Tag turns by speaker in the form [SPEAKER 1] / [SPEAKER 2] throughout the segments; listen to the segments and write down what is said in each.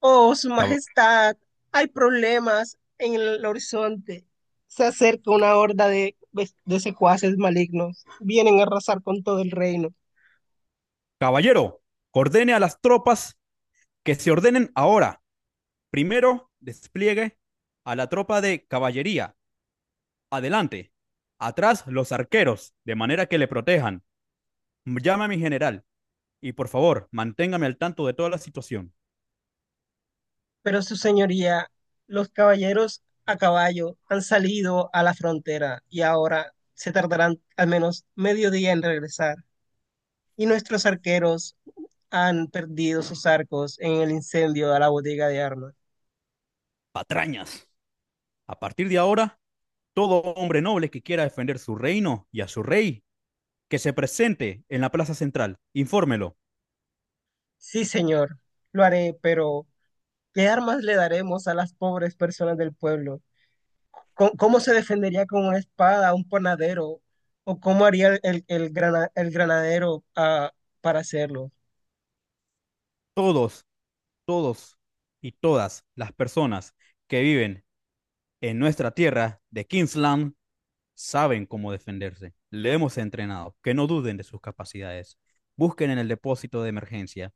[SPEAKER 1] Oh, Su
[SPEAKER 2] Cab-
[SPEAKER 1] Majestad, hay problemas en el horizonte. Se acerca una horda de secuaces malignos. Vienen a arrasar con todo el reino.
[SPEAKER 2] Caballero, ordene a las tropas que se ordenen ahora. Primero, despliegue a la tropa de caballería. Adelante. Atrás, los arqueros, de manera que le protejan. Llame a mi general y por favor, manténgame al tanto de toda la situación.
[SPEAKER 1] Pero su señoría, los caballeros a caballo han salido a la frontera y ahora se tardarán al menos medio día en regresar. Y nuestros arqueros han perdido sus arcos en el incendio de la bodega de armas.
[SPEAKER 2] Patrañas. A partir de ahora, todo hombre noble que quiera defender su reino y a su rey, que se presente en la plaza central. Infórmelo.
[SPEAKER 1] Sí, señor, lo haré, pero ¿qué armas le daremos a las pobres personas del pueblo? ¿Cómo se defendería con una espada un panadero? ¿O cómo haría el granadero para hacerlo?
[SPEAKER 2] Todos, todos y todas las personas que viven en nuestra tierra de Kingsland saben cómo defenderse. Le hemos entrenado. Que no duden de sus capacidades. Busquen en el depósito de emergencia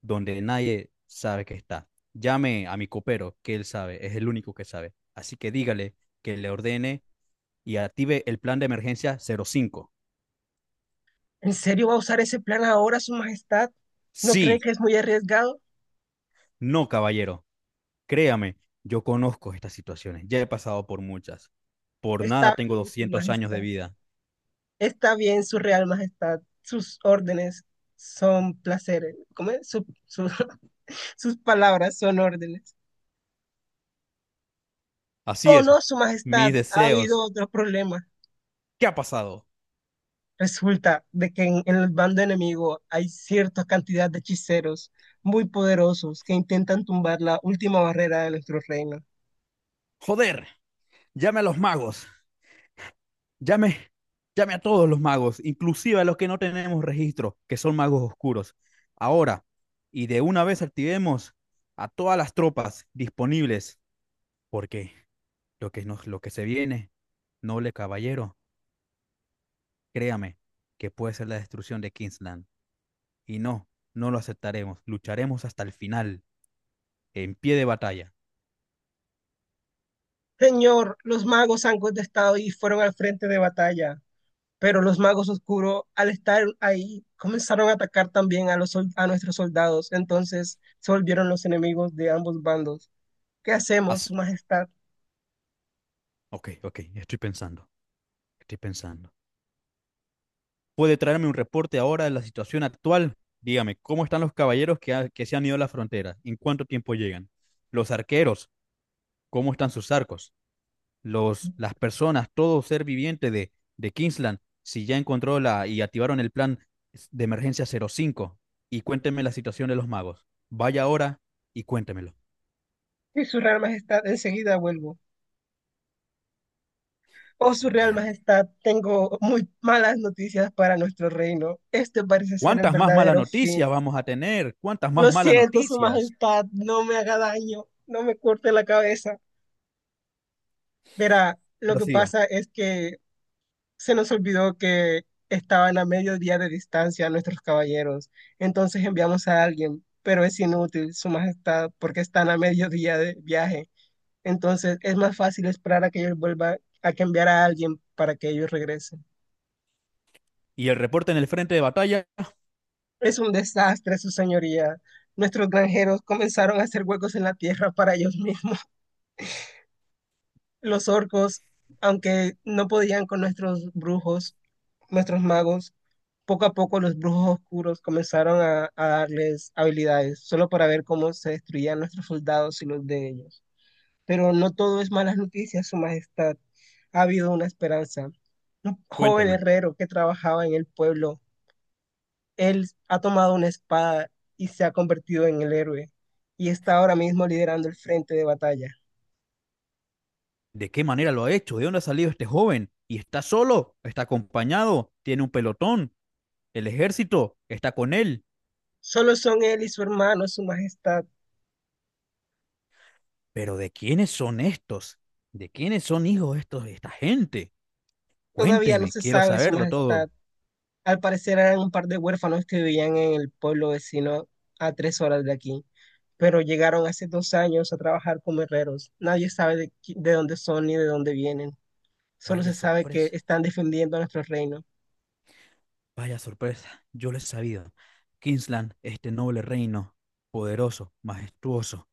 [SPEAKER 2] donde nadie sabe que está. Llame a mi copero, que él sabe, es el único que sabe. Así que dígale que le ordene y active el plan de emergencia 05.
[SPEAKER 1] ¿En serio va a usar ese plan ahora, Su Majestad? ¿No cree
[SPEAKER 2] Sí,
[SPEAKER 1] que es muy arriesgado?
[SPEAKER 2] no, caballero. Créame, yo conozco estas situaciones. Ya he pasado por muchas. Por nada
[SPEAKER 1] Está
[SPEAKER 2] tengo
[SPEAKER 1] bien, Su
[SPEAKER 2] 200 años de
[SPEAKER 1] Majestad.
[SPEAKER 2] vida.
[SPEAKER 1] Está bien, Su Real Majestad. Sus órdenes son placeres. ¿Cómo es? Sus palabras son órdenes.
[SPEAKER 2] Así
[SPEAKER 1] Oh,
[SPEAKER 2] es.
[SPEAKER 1] no, Su Majestad.
[SPEAKER 2] Mis
[SPEAKER 1] Ha
[SPEAKER 2] deseos.
[SPEAKER 1] habido otros problemas.
[SPEAKER 2] ¿Qué ha pasado?
[SPEAKER 1] Resulta de que en el bando enemigo hay cierta cantidad de hechiceros muy poderosos que intentan tumbar la última barrera de nuestro reino.
[SPEAKER 2] Joder, llame a los magos, llame, llame a todos los magos, inclusive a los que no tenemos registro, que son magos oscuros. Ahora, y de una vez activemos a todas las tropas disponibles, porque lo que se viene, noble caballero, créame, que puede ser la destrucción de Kingsland. Y no, no lo aceptaremos, lucharemos hasta el final, en pie de batalla.
[SPEAKER 1] Señor, los magos han contestado y fueron al frente de batalla, pero los magos oscuros, al estar ahí, comenzaron a atacar también a nuestros soldados. Entonces se volvieron los enemigos de ambos bandos. ¿Qué hacemos,
[SPEAKER 2] As-
[SPEAKER 1] Su Majestad?
[SPEAKER 2] ok, estoy pensando, estoy pensando. Puede traerme un reporte ahora de la situación actual. Dígame, ¿cómo están los caballeros que se han ido a la frontera? ¿En cuánto tiempo llegan? Los arqueros, ¿cómo están sus arcos? Los, las personas, todo ser viviente de Kingsland, si ya encontró la y activaron el plan de emergencia cero cinco. Y cuéntenme la situación de los magos. Vaya ahora y cuéntemelo.
[SPEAKER 1] Y su Real Majestad, enseguida vuelvo. Oh, su real
[SPEAKER 2] Joder.
[SPEAKER 1] majestad, tengo muy malas noticias para nuestro reino. Este parece ser el
[SPEAKER 2] ¿Cuántas más malas
[SPEAKER 1] verdadero fin.
[SPEAKER 2] noticias vamos a tener? ¿Cuántas más
[SPEAKER 1] Lo
[SPEAKER 2] malas
[SPEAKER 1] siento, su
[SPEAKER 2] noticias?
[SPEAKER 1] majestad, no me haga daño, no me corte la cabeza. Verá, lo que
[SPEAKER 2] Prosiga.
[SPEAKER 1] pasa es que se nos olvidó que estaban a medio día de distancia nuestros caballeros. Entonces enviamos a alguien, pero es inútil, su majestad, porque están a medio día de viaje. Entonces es más fácil esperar a que ellos vuelvan, a que enviar a alguien para que ellos regresen.
[SPEAKER 2] ¿Y el reporte en el frente de batalla?
[SPEAKER 1] Es un desastre, su señoría. Nuestros granjeros comenzaron a hacer huecos en la tierra para ellos mismos. Los orcos, aunque no podían con nuestros brujos, nuestros magos, poco a poco los brujos oscuros comenzaron a darles habilidades, solo para ver cómo se destruían nuestros soldados y los de ellos. Pero no todo es malas noticias, Su Majestad. Ha habido una esperanza. Un joven
[SPEAKER 2] Cuénteme.
[SPEAKER 1] herrero que trabajaba en el pueblo él ha tomado una espada y se ha convertido en el héroe y está ahora mismo liderando el frente de batalla.
[SPEAKER 2] ¿De qué manera lo ha hecho? ¿De dónde ha salido este joven? ¿Y está solo? ¿Está acompañado? ¿Tiene un pelotón? ¿El ejército está con él?
[SPEAKER 1] Solo son él y su hermano, su majestad.
[SPEAKER 2] Pero ¿de quiénes son estos? ¿De quiénes son hijos estos, esta gente?
[SPEAKER 1] Todavía no
[SPEAKER 2] Cuénteme,
[SPEAKER 1] se
[SPEAKER 2] quiero
[SPEAKER 1] sabe, su
[SPEAKER 2] saberlo
[SPEAKER 1] majestad.
[SPEAKER 2] todo.
[SPEAKER 1] Al parecer eran un par de huérfanos que vivían en el pueblo vecino a tres horas de aquí, pero llegaron hace dos años a trabajar como herreros. Nadie sabe de, de dónde son ni de dónde vienen. Solo
[SPEAKER 2] Vaya
[SPEAKER 1] se sabe que
[SPEAKER 2] sorpresa,
[SPEAKER 1] están defendiendo nuestro reino.
[SPEAKER 2] vaya sorpresa, yo lo he sabido. Kingsland, este noble reino, poderoso, majestuoso,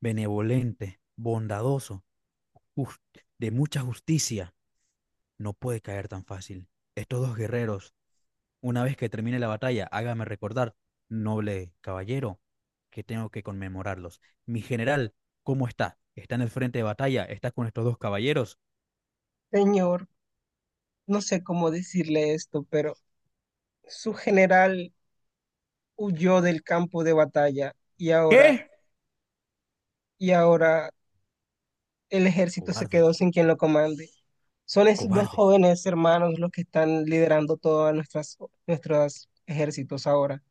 [SPEAKER 2] benevolente, bondadoso, just- de mucha justicia, no puede caer tan fácil. Estos dos guerreros. Una vez que termine la batalla, hágame recordar, noble caballero, que tengo que conmemorarlos. Mi general, ¿cómo está? ¿Está en el frente de batalla? ¿Está con estos dos caballeros?
[SPEAKER 1] Señor, no sé cómo decirle esto, pero su general huyó del campo de batalla
[SPEAKER 2] ¿Qué?
[SPEAKER 1] y ahora el ejército se
[SPEAKER 2] Cobarde,
[SPEAKER 1] quedó sin quien lo comande. Son esos dos
[SPEAKER 2] cobarde,
[SPEAKER 1] jóvenes hermanos los que están liderando todos nuestras, nuestros ejércitos ahora.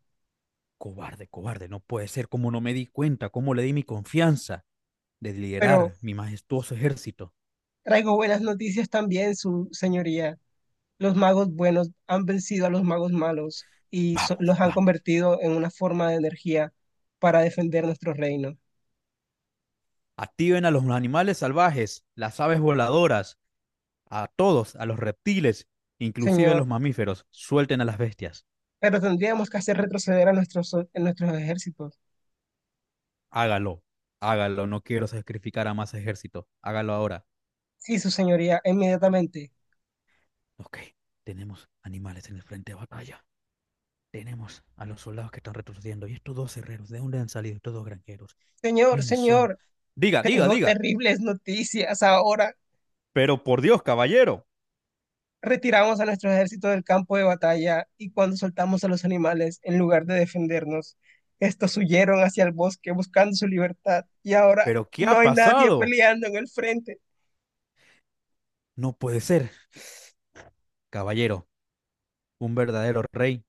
[SPEAKER 2] cobarde, cobarde. No puede ser. ¿Cómo no me di cuenta? ¿Cómo le di mi confianza de
[SPEAKER 1] Pero
[SPEAKER 2] liderar mi majestuoso ejército?
[SPEAKER 1] traigo buenas noticias también, su señoría. Los magos buenos han vencido a los magos malos y
[SPEAKER 2] Vamos,
[SPEAKER 1] los han
[SPEAKER 2] vamos.
[SPEAKER 1] convertido en una forma de energía para defender nuestro reino.
[SPEAKER 2] Activen a los animales salvajes, las aves voladoras, a todos, a los reptiles, inclusive a
[SPEAKER 1] Señor,
[SPEAKER 2] los mamíferos. Suelten a las bestias.
[SPEAKER 1] pero tendríamos que hacer retroceder a nuestros ejércitos.
[SPEAKER 2] Hágalo, hágalo, no quiero sacrificar a más ejército, hágalo ahora.
[SPEAKER 1] Sí, su señoría, inmediatamente.
[SPEAKER 2] Ok, tenemos animales en el frente de batalla, tenemos a los soldados que están retrocediendo y estos dos herreros, ¿de dónde han salido estos dos granjeros?
[SPEAKER 1] Señor,
[SPEAKER 2] ¿Quiénes son?
[SPEAKER 1] señor,
[SPEAKER 2] Diga, diga,
[SPEAKER 1] tengo
[SPEAKER 2] diga.
[SPEAKER 1] terribles noticias. Ahora
[SPEAKER 2] Pero por Dios, caballero,
[SPEAKER 1] retiramos a nuestro ejército del campo de batalla y cuando soltamos a los animales, en lugar de defendernos, estos huyeron hacia el bosque buscando su libertad y ahora
[SPEAKER 2] ¿pero qué ha
[SPEAKER 1] no hay nadie
[SPEAKER 2] pasado?
[SPEAKER 1] peleando en el frente.
[SPEAKER 2] No puede ser, caballero. Un verdadero rey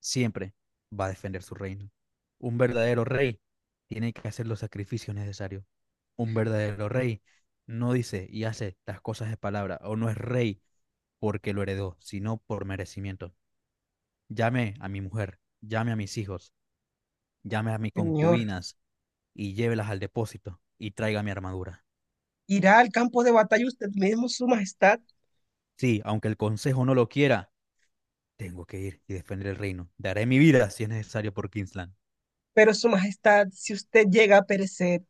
[SPEAKER 2] siempre va a defender su reino. Un verdadero rey tiene que hacer los sacrificios necesarios. Un verdadero rey no dice y hace las cosas de palabra o no es rey porque lo heredó, sino por merecimiento. Llame a mi mujer, llame a mis hijos, llame a mis
[SPEAKER 1] Señor,
[SPEAKER 2] concubinas y llévelas al depósito y traiga mi armadura.
[SPEAKER 1] irá al campo de batalla usted mismo, Su Majestad.
[SPEAKER 2] Sí, aunque el consejo no lo quiera, tengo que ir y defender el reino. Daré mi vida si es necesario por Kingsland.
[SPEAKER 1] Pero Su Majestad, si usted llega a perecer,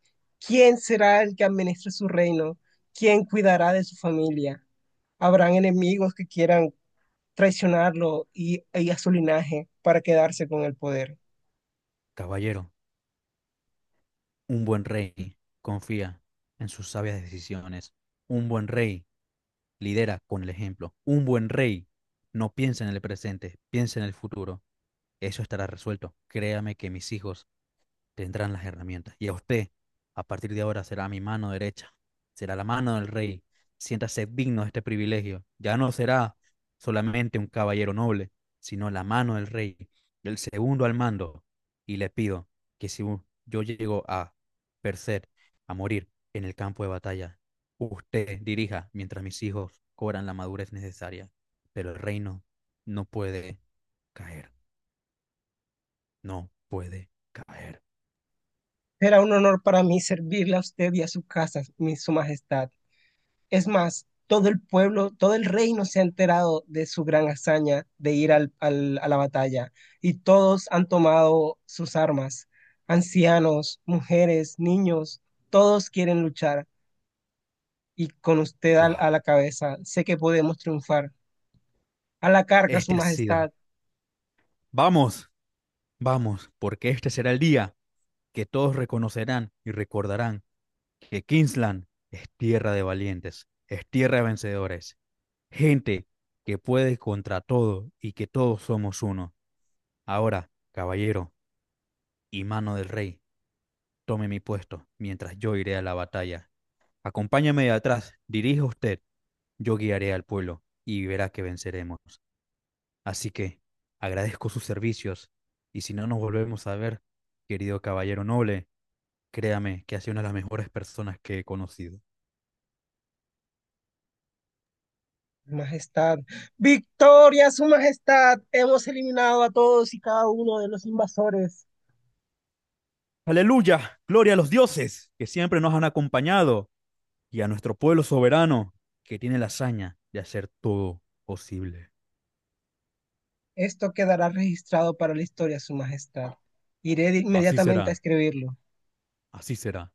[SPEAKER 1] ¿quién será el que administre su reino? ¿Quién cuidará de su familia? Habrán enemigos que quieran traicionarlo y a su linaje para quedarse con el poder.
[SPEAKER 2] Caballero, un buen rey confía en sus sabias decisiones. Un buen rey lidera con el ejemplo. Un buen rey no piensa en el presente, piensa en el futuro. Eso estará resuelto. Créame que mis hijos tendrán las herramientas. Y a usted, a partir de ahora, será mi mano derecha, será la mano del rey. Siéntase digno de este privilegio. Ya no será solamente un caballero noble, sino la mano del rey, el segundo al mando. Y le pido que si yo llego a percer, a morir en el campo de batalla, usted dirija mientras mis hijos cobran la madurez necesaria. Pero el reino no puede caer, no puede caer.
[SPEAKER 1] Era un honor para mí servirle a usted y a su casa, mi, su majestad. Es más, todo el pueblo, todo el reino se ha enterado de su gran hazaña de ir a la batalla y todos han tomado sus armas. Ancianos, mujeres, niños, todos quieren luchar y con usted
[SPEAKER 2] Wow.
[SPEAKER 1] a la cabeza sé que podemos triunfar. A la carga, su
[SPEAKER 2] Este ha sido.
[SPEAKER 1] majestad.
[SPEAKER 2] Vamos, vamos, porque este será el día que todos reconocerán y recordarán que Kingsland es tierra de valientes, es tierra de vencedores, gente que puede contra todo y que todos somos uno. Ahora, caballero y mano del rey, tome mi puesto mientras yo iré a la batalla. Acompáñame de atrás, dirija usted, yo guiaré al pueblo y verá que venceremos. Así que agradezco sus servicios y si no nos volvemos a ver, querido caballero noble, créame que ha sido una de las mejores personas que he conocido.
[SPEAKER 1] Majestad, victoria, su majestad. Hemos eliminado a todos y cada uno de los invasores.
[SPEAKER 2] Aleluya, gloria a los dioses que siempre nos han acompañado y a nuestro pueblo soberano que tiene la hazaña de hacer todo posible.
[SPEAKER 1] Esto quedará registrado para la historia, su majestad. Iré
[SPEAKER 2] Así
[SPEAKER 1] inmediatamente a
[SPEAKER 2] será,
[SPEAKER 1] escribirlo.
[SPEAKER 2] así será.